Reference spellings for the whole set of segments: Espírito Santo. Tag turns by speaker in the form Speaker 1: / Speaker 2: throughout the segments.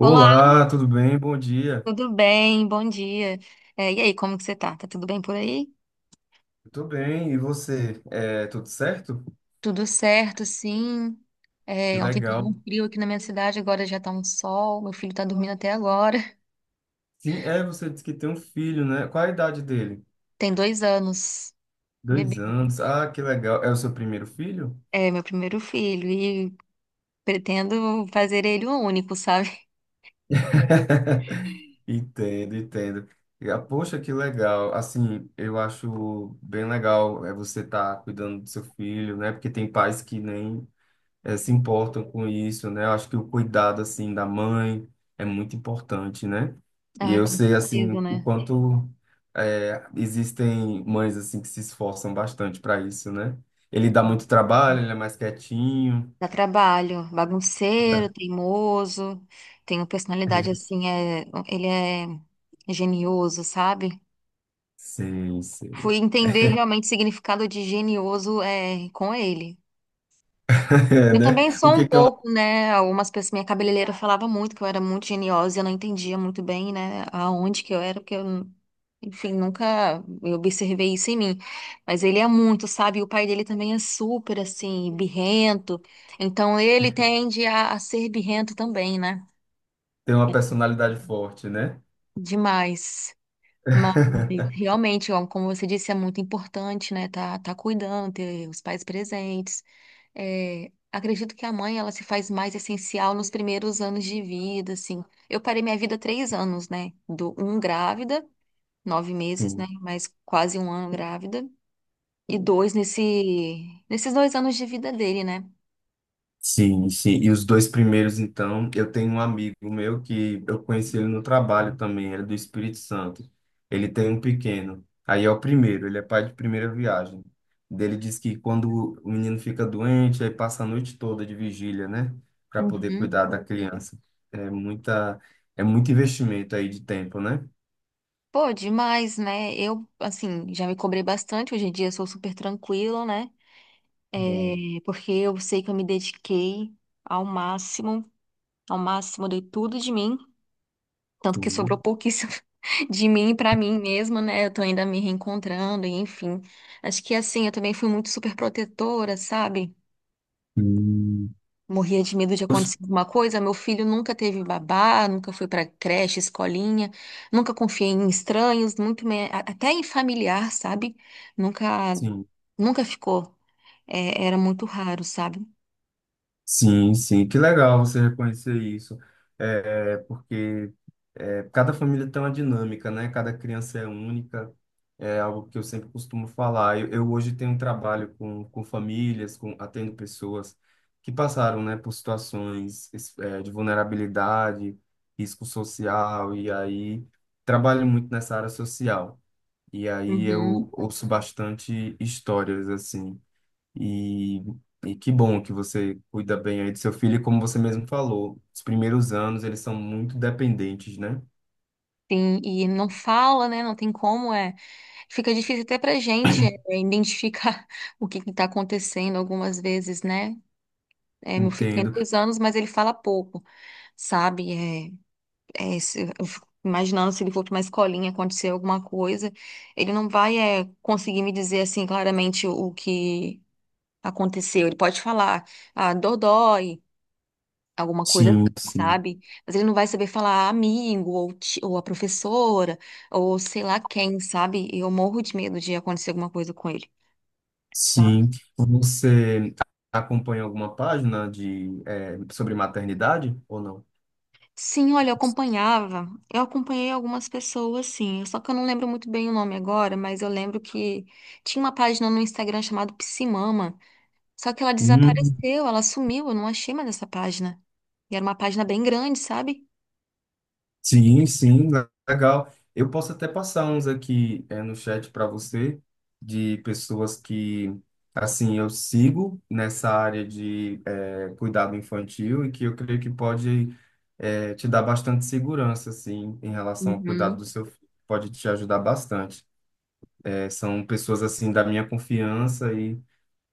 Speaker 1: Olá,
Speaker 2: tudo bem? Bom dia.
Speaker 1: tudo bem? Bom dia. É, e aí, como que você tá? Tá tudo bem por aí?
Speaker 2: Eu tô bem, e você? É, tudo certo?
Speaker 1: Tudo certo, sim.
Speaker 2: Que
Speaker 1: É, ontem tava um
Speaker 2: legal.
Speaker 1: frio aqui na minha cidade, agora já tá um sol. Meu filho tá dormindo até agora.
Speaker 2: Sim, é, você disse que tem um filho, né? Qual a idade dele?
Speaker 1: Tem 2 anos,
Speaker 2: Dois
Speaker 1: bebê.
Speaker 2: anos. Ah, que legal. É o seu primeiro filho?
Speaker 1: É meu primeiro filho e pretendo fazer ele um único, sabe?
Speaker 2: Entendo, entendo. E, poxa, que legal. Assim, eu acho bem legal é você estar cuidando do seu filho, né? Porque tem pais que nem se importam com isso, né? Eu acho que o cuidado, assim, da mãe é muito importante, né? E
Speaker 1: Ah,
Speaker 2: eu
Speaker 1: com
Speaker 2: sei,
Speaker 1: certeza,
Speaker 2: assim, o
Speaker 1: né?
Speaker 2: quanto existem mães, assim, que se esforçam bastante para isso, né? Ele dá
Speaker 1: Ah,
Speaker 2: muito trabalho, ele é mais quietinho.
Speaker 1: Dá trabalho, bagunceiro, teimoso, tem uma personalidade assim, é, ele é genioso, sabe?
Speaker 2: Sim, sim.
Speaker 1: Fui entender realmente o significado de genioso é, com ele.
Speaker 2: É,
Speaker 1: Eu
Speaker 2: né?
Speaker 1: também
Speaker 2: O
Speaker 1: sou um
Speaker 2: que que é uma,
Speaker 1: pouco, né? Algumas pessoas, minha cabeleireira falava muito que eu era muito geniosa e eu não entendia muito bem, né? Aonde que eu era, porque eu, enfim, nunca eu observei isso em mim. Mas ele é muito, sabe? E o pai dele também é super, assim, birrento. Então ele tende a ser birrento também, né?
Speaker 2: ter uma personalidade forte, né?
Speaker 1: Demais. Mas realmente, ó, como você disse, é muito importante, né? Tá, tá cuidando, ter os pais presentes. É, acredito que a mãe, ela se faz mais essencial nos primeiros anos de vida, assim. Eu parei minha vida 3 anos, né? Do um grávida, 9 meses, né?
Speaker 2: Sim.
Speaker 1: Mas quase um ano grávida. E dois nesses 2 anos de vida dele, né?
Speaker 2: Sim, sim. E os dois primeiros, então, eu tenho um amigo meu que eu conheci ele no trabalho também, ele é do Espírito Santo. Ele tem um pequeno. Aí é o primeiro, ele é pai de primeira viagem. Ele diz que quando o menino fica doente, aí passa a noite toda de vigília, né? Para poder
Speaker 1: Uhum.
Speaker 2: cuidar da criança. É muita, é muito investimento aí de tempo, né?
Speaker 1: Pô, demais, né? Eu, assim, já me cobrei bastante. Hoje em dia eu sou super tranquila, né?
Speaker 2: Bom,
Speaker 1: É, porque eu sei que eu me dediquei ao máximo, ao máximo, eu dei tudo de mim, tanto que sobrou
Speaker 2: sim.
Speaker 1: pouquíssimo de mim pra mim mesma, né? Eu tô ainda me reencontrando, e enfim. Acho que assim, eu também fui muito super protetora, sabe?
Speaker 2: Hum.
Speaker 1: Morria de medo de acontecer alguma coisa. Meu filho nunca teve babá, nunca foi pra creche, escolinha, nunca confiei em estranhos, muito me... até em familiar, sabe? Nunca,
Speaker 2: Sim,
Speaker 1: nunca ficou. É, era muito raro, sabe?
Speaker 2: sim, sim. Que legal você reconhecer isso. É, porque É, cada família tem uma dinâmica, né? Cada criança é única. É algo que eu sempre costumo falar. Eu hoje tenho um trabalho com famílias, com atendo pessoas que passaram, né, por situações, é, de vulnerabilidade, risco social, e aí trabalho muito nessa área social. E aí eu
Speaker 1: Uhum.
Speaker 2: ouço bastante histórias, assim. E, e que bom que você cuida bem aí do seu filho, e como você mesmo falou, os primeiros anos eles são muito dependentes, né?
Speaker 1: Sim, e não fala, né? Não tem como, é. Fica difícil até pra gente é, identificar o que que tá acontecendo algumas vezes, né? É, meu filho tem
Speaker 2: Entendo.
Speaker 1: 2 anos, mas ele fala pouco, sabe? Eu fico imaginando se ele for pra uma escolinha, acontecer alguma coisa, ele não vai é, conseguir me dizer assim claramente o que aconteceu. Ele pode falar, ah, dodói, alguma coisa,
Speaker 2: Sim,
Speaker 1: assim,
Speaker 2: sim,
Speaker 1: sabe? Mas ele não vai saber falar amigo, ou, ou a professora, ou sei lá quem, sabe? Eu morro de medo de acontecer alguma coisa com ele. Sabe?
Speaker 2: sim. Você acompanha alguma página de sobre maternidade ou não?
Speaker 1: Sim, olha, eu acompanhava, eu acompanhei algumas pessoas, sim, só que eu não lembro muito bem o nome agora, mas eu lembro que tinha uma página no Instagram chamada Psimama, só que ela
Speaker 2: Hum,
Speaker 1: desapareceu, ela sumiu, eu não achei mais essa página. E era uma página bem grande, sabe?
Speaker 2: sim, sim, legal. Eu posso até passar uns aqui no chat para você de pessoas que assim eu sigo nessa área de cuidado infantil e que eu creio que pode te dar bastante segurança assim em relação ao cuidado do
Speaker 1: Uhum.
Speaker 2: seu filho. Pode te ajudar bastante. É, são pessoas assim da minha confiança e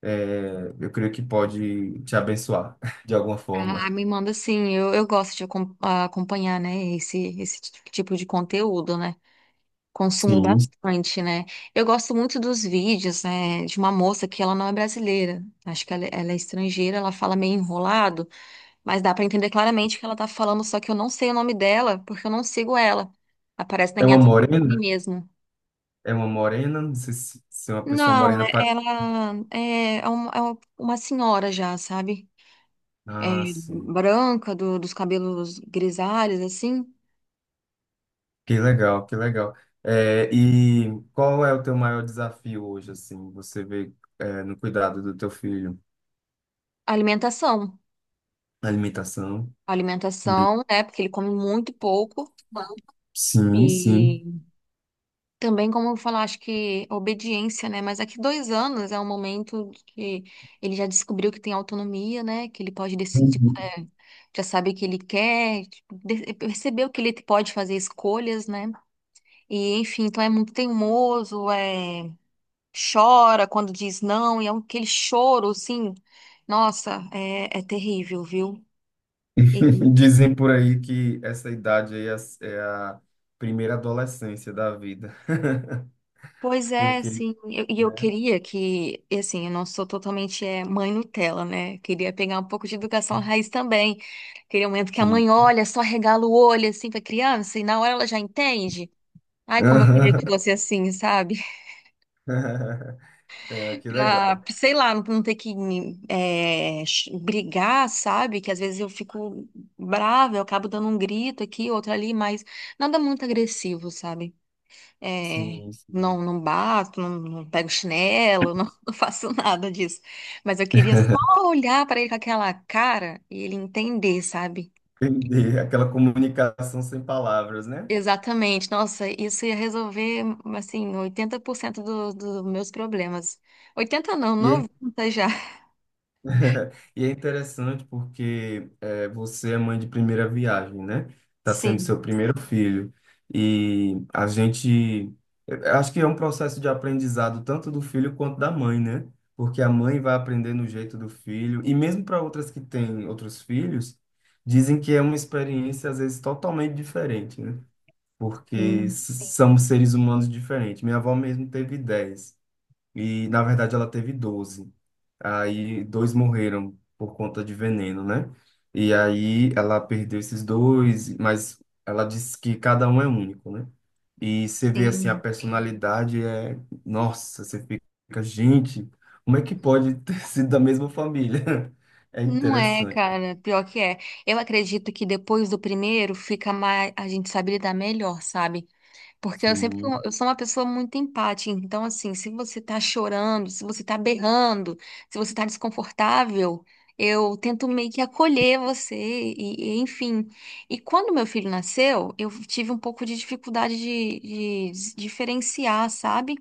Speaker 2: é, eu creio que pode te abençoar de alguma
Speaker 1: Ah,
Speaker 2: forma.
Speaker 1: me manda sim, eu gosto de acompanhar, né, esse tipo de conteúdo, né? Consumo
Speaker 2: Sim.
Speaker 1: bastante, né? Eu gosto muito dos vídeos, né, de uma moça que ela não é brasileira. Acho que ela é estrangeira, ela fala meio enrolado, mas dá pra entender claramente o que ela tá falando, só que eu não sei o nome dela, porque eu não sigo ela. Aparece na
Speaker 2: É uma
Speaker 1: minha timeline
Speaker 2: morena?
Speaker 1: mesmo.
Speaker 2: É uma morena? Não sei se, se é uma pessoa
Speaker 1: Não,
Speaker 2: morena para.
Speaker 1: ela é uma senhora já, sabe? É,
Speaker 2: Ah, sim.
Speaker 1: branca, dos cabelos grisalhos, assim.
Speaker 2: Que legal, que legal. É, e qual é o teu maior desafio hoje, assim? Você vê é, no cuidado do teu filho,
Speaker 1: Alimentação.
Speaker 2: na alimentação? Hum.
Speaker 1: Alimentação, né? Porque ele come muito pouco.
Speaker 2: Sim, sim.
Speaker 1: E também, como eu falar, acho que obediência, né? Mas daqui 2 anos é um momento que ele já descobriu que tem autonomia, né? Que ele pode decidir, é, já sabe o que ele quer, tipo, percebeu que ele pode fazer escolhas, né? E, enfim, então é muito teimoso, é, chora quando diz não, e aquele choro, assim, nossa, é, é terrível, viu?
Speaker 2: Dizem por aí que essa idade aí é a primeira adolescência da vida.
Speaker 1: Pois é,
Speaker 2: Porque,
Speaker 1: assim, eu
Speaker 2: né,
Speaker 1: queria que, e assim, eu não sou totalmente é, mãe Nutella, né? Queria pegar um pouco de educação raiz também. Aquele momento que a mãe
Speaker 2: sim.
Speaker 1: olha, só regala o olho, assim, pra criança, e na hora ela já entende. Ai, como eu queria que
Speaker 2: Aham.
Speaker 1: fosse assim, sabe?
Speaker 2: É, que legal.
Speaker 1: Pra, sei lá, não ter que brigar, sabe? Que às vezes eu fico brava, eu acabo dando um grito aqui, outro ali, mas nada muito agressivo, sabe? É,
Speaker 2: Sim, sim.
Speaker 1: não, não bato, não, não pego chinelo, não, não faço nada disso. Mas eu queria só olhar para ele com aquela cara e ele entender, sabe?
Speaker 2: Entendi. Aquela comunicação sem palavras, né?
Speaker 1: Exatamente. Nossa, isso ia resolver, assim, 80% dos meus problemas. 80 não,
Speaker 2: E é.
Speaker 1: 90 já.
Speaker 2: E é interessante porque você é mãe de primeira viagem, né? Está sendo
Speaker 1: Sim,
Speaker 2: seu primeiro filho. E a gente. Eu acho que é um processo de aprendizado tanto do filho quanto da mãe, né? Porque a mãe vai aprendendo o jeito do filho. E mesmo para outras que têm outros filhos, dizem que é uma experiência, às vezes, totalmente diferente, né? Porque
Speaker 1: sim,
Speaker 2: somos seres humanos diferentes. Minha avó mesmo teve 10. E na verdade ela teve 12. Aí dois morreram por conta de veneno, né? E aí ela perdeu esses dois, mas ela disse que cada um é único, né? E você vê assim a
Speaker 1: sim.
Speaker 2: personalidade é, nossa, você fica, gente, como é que pode ter sido da mesma família? É
Speaker 1: Não é,
Speaker 2: interessante.
Speaker 1: cara, pior que é. Eu acredito que depois do primeiro fica mais, a gente sabe lidar melhor, sabe? Porque eu sempre fui
Speaker 2: Sim,
Speaker 1: eu sou uma pessoa muito empática. Então, assim, se você tá chorando, se você tá berrando, se você tá desconfortável, eu tento meio que acolher você, e enfim. E quando meu filho nasceu, eu tive um pouco de dificuldade de diferenciar, sabe?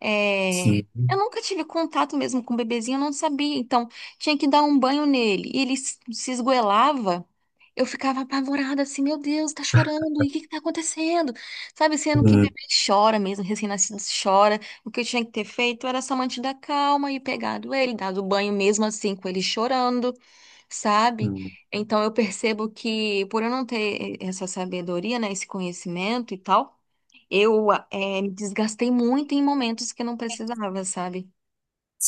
Speaker 1: É, Eu
Speaker 2: sim.
Speaker 1: nunca tive contato mesmo com o bebezinho, eu não sabia. Então, tinha que dar um banho nele. E ele se esgoelava. Eu ficava apavorada, assim, meu Deus, tá chorando, e o que que tá acontecendo? Sabe, sendo que
Speaker 2: Hum,
Speaker 1: bebê chora mesmo, recém-nascido chora. O que eu tinha que ter feito era só mantido a calma e pegado ele, dado banho mesmo assim, com ele chorando, sabe?
Speaker 2: hum.
Speaker 1: Então eu percebo que, por eu não ter essa sabedoria, né, esse conhecimento e tal, eu me desgastei muito em momentos que eu não precisava, sabe?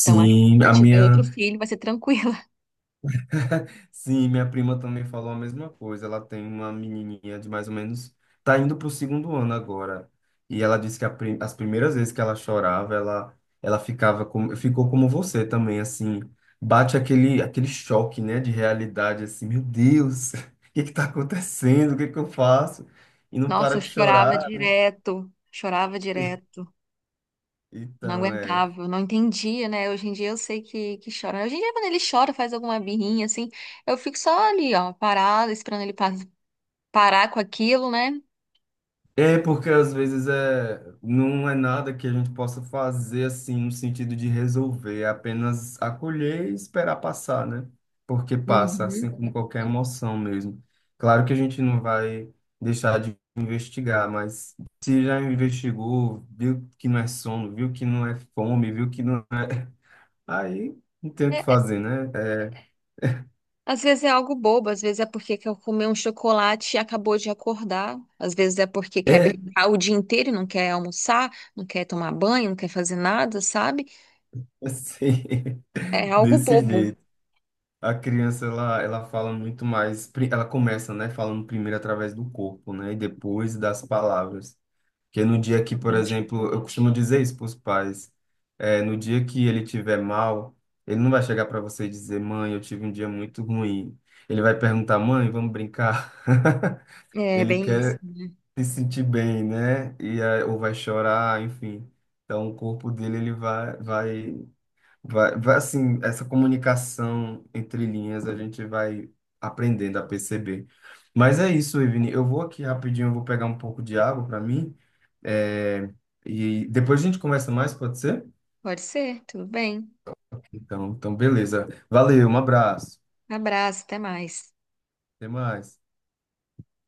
Speaker 1: Então acho que se
Speaker 2: a
Speaker 1: eu tiver
Speaker 2: minha.
Speaker 1: outro filho, vai ser tranquila.
Speaker 2: Sim, minha prima também falou a mesma coisa. Ela tem uma menininha de mais ou menos, tá indo pro segundo ano agora. E ela disse que as primeiras vezes que ela chorava, ela ficava como, ficou como você também, assim, bate aquele choque, né, de realidade, assim, meu Deus, o que que tá acontecendo? O que que eu faço? E não
Speaker 1: Nossa,
Speaker 2: para
Speaker 1: eu
Speaker 2: de
Speaker 1: chorava
Speaker 2: chorar.
Speaker 1: direto, chorava direto. Não
Speaker 2: Então, é.
Speaker 1: aguentava, não entendia, né? Hoje em dia eu sei que chora. Hoje em dia, quando ele chora, faz alguma birrinha assim, eu fico só ali, ó, parada, esperando ele parar com aquilo, né?
Speaker 2: É porque às vezes é, não é nada que a gente possa fazer assim no sentido de resolver, é apenas acolher e esperar passar, né? Porque passa, assim
Speaker 1: Uhum.
Speaker 2: como qualquer emoção mesmo. Claro que a gente não vai deixar de investigar, mas se já investigou, viu que não é sono, viu que não é fome, viu que não é... Aí não tem o que fazer, né?
Speaker 1: Às vezes é algo bobo, às vezes é porque quer comer um chocolate e acabou de acordar, às vezes é porque quer
Speaker 2: É
Speaker 1: brincar o dia inteiro e não quer almoçar, não quer tomar banho, não quer fazer nada, sabe?
Speaker 2: assim,
Speaker 1: É algo
Speaker 2: desse
Speaker 1: bobo.
Speaker 2: jeito. A criança, ela fala muito mais, ela começa, né, falando primeiro através do corpo, né, e depois das palavras. Porque no dia que, por
Speaker 1: Exatamente.
Speaker 2: exemplo, eu costumo dizer isso para os pais, é, no dia que ele tiver mal, ele não vai chegar para você e dizer, mãe, eu tive um dia muito ruim. Ele vai perguntar, mãe, vamos brincar?
Speaker 1: É
Speaker 2: Ele
Speaker 1: bem isso,
Speaker 2: quer
Speaker 1: né?
Speaker 2: se sentir bem, né, ou vai chorar, enfim. Então, o corpo dele, ele vai, assim, essa comunicação entre linhas a gente vai aprendendo a perceber. Mas é isso, Evine. Eu vou aqui rapidinho, eu vou pegar um pouco de água para mim. É, e depois a gente conversa mais, pode ser?
Speaker 1: Pode ser, tudo bem.
Speaker 2: Beleza. Valeu, um abraço.
Speaker 1: Abraço, até mais.
Speaker 2: Até mais.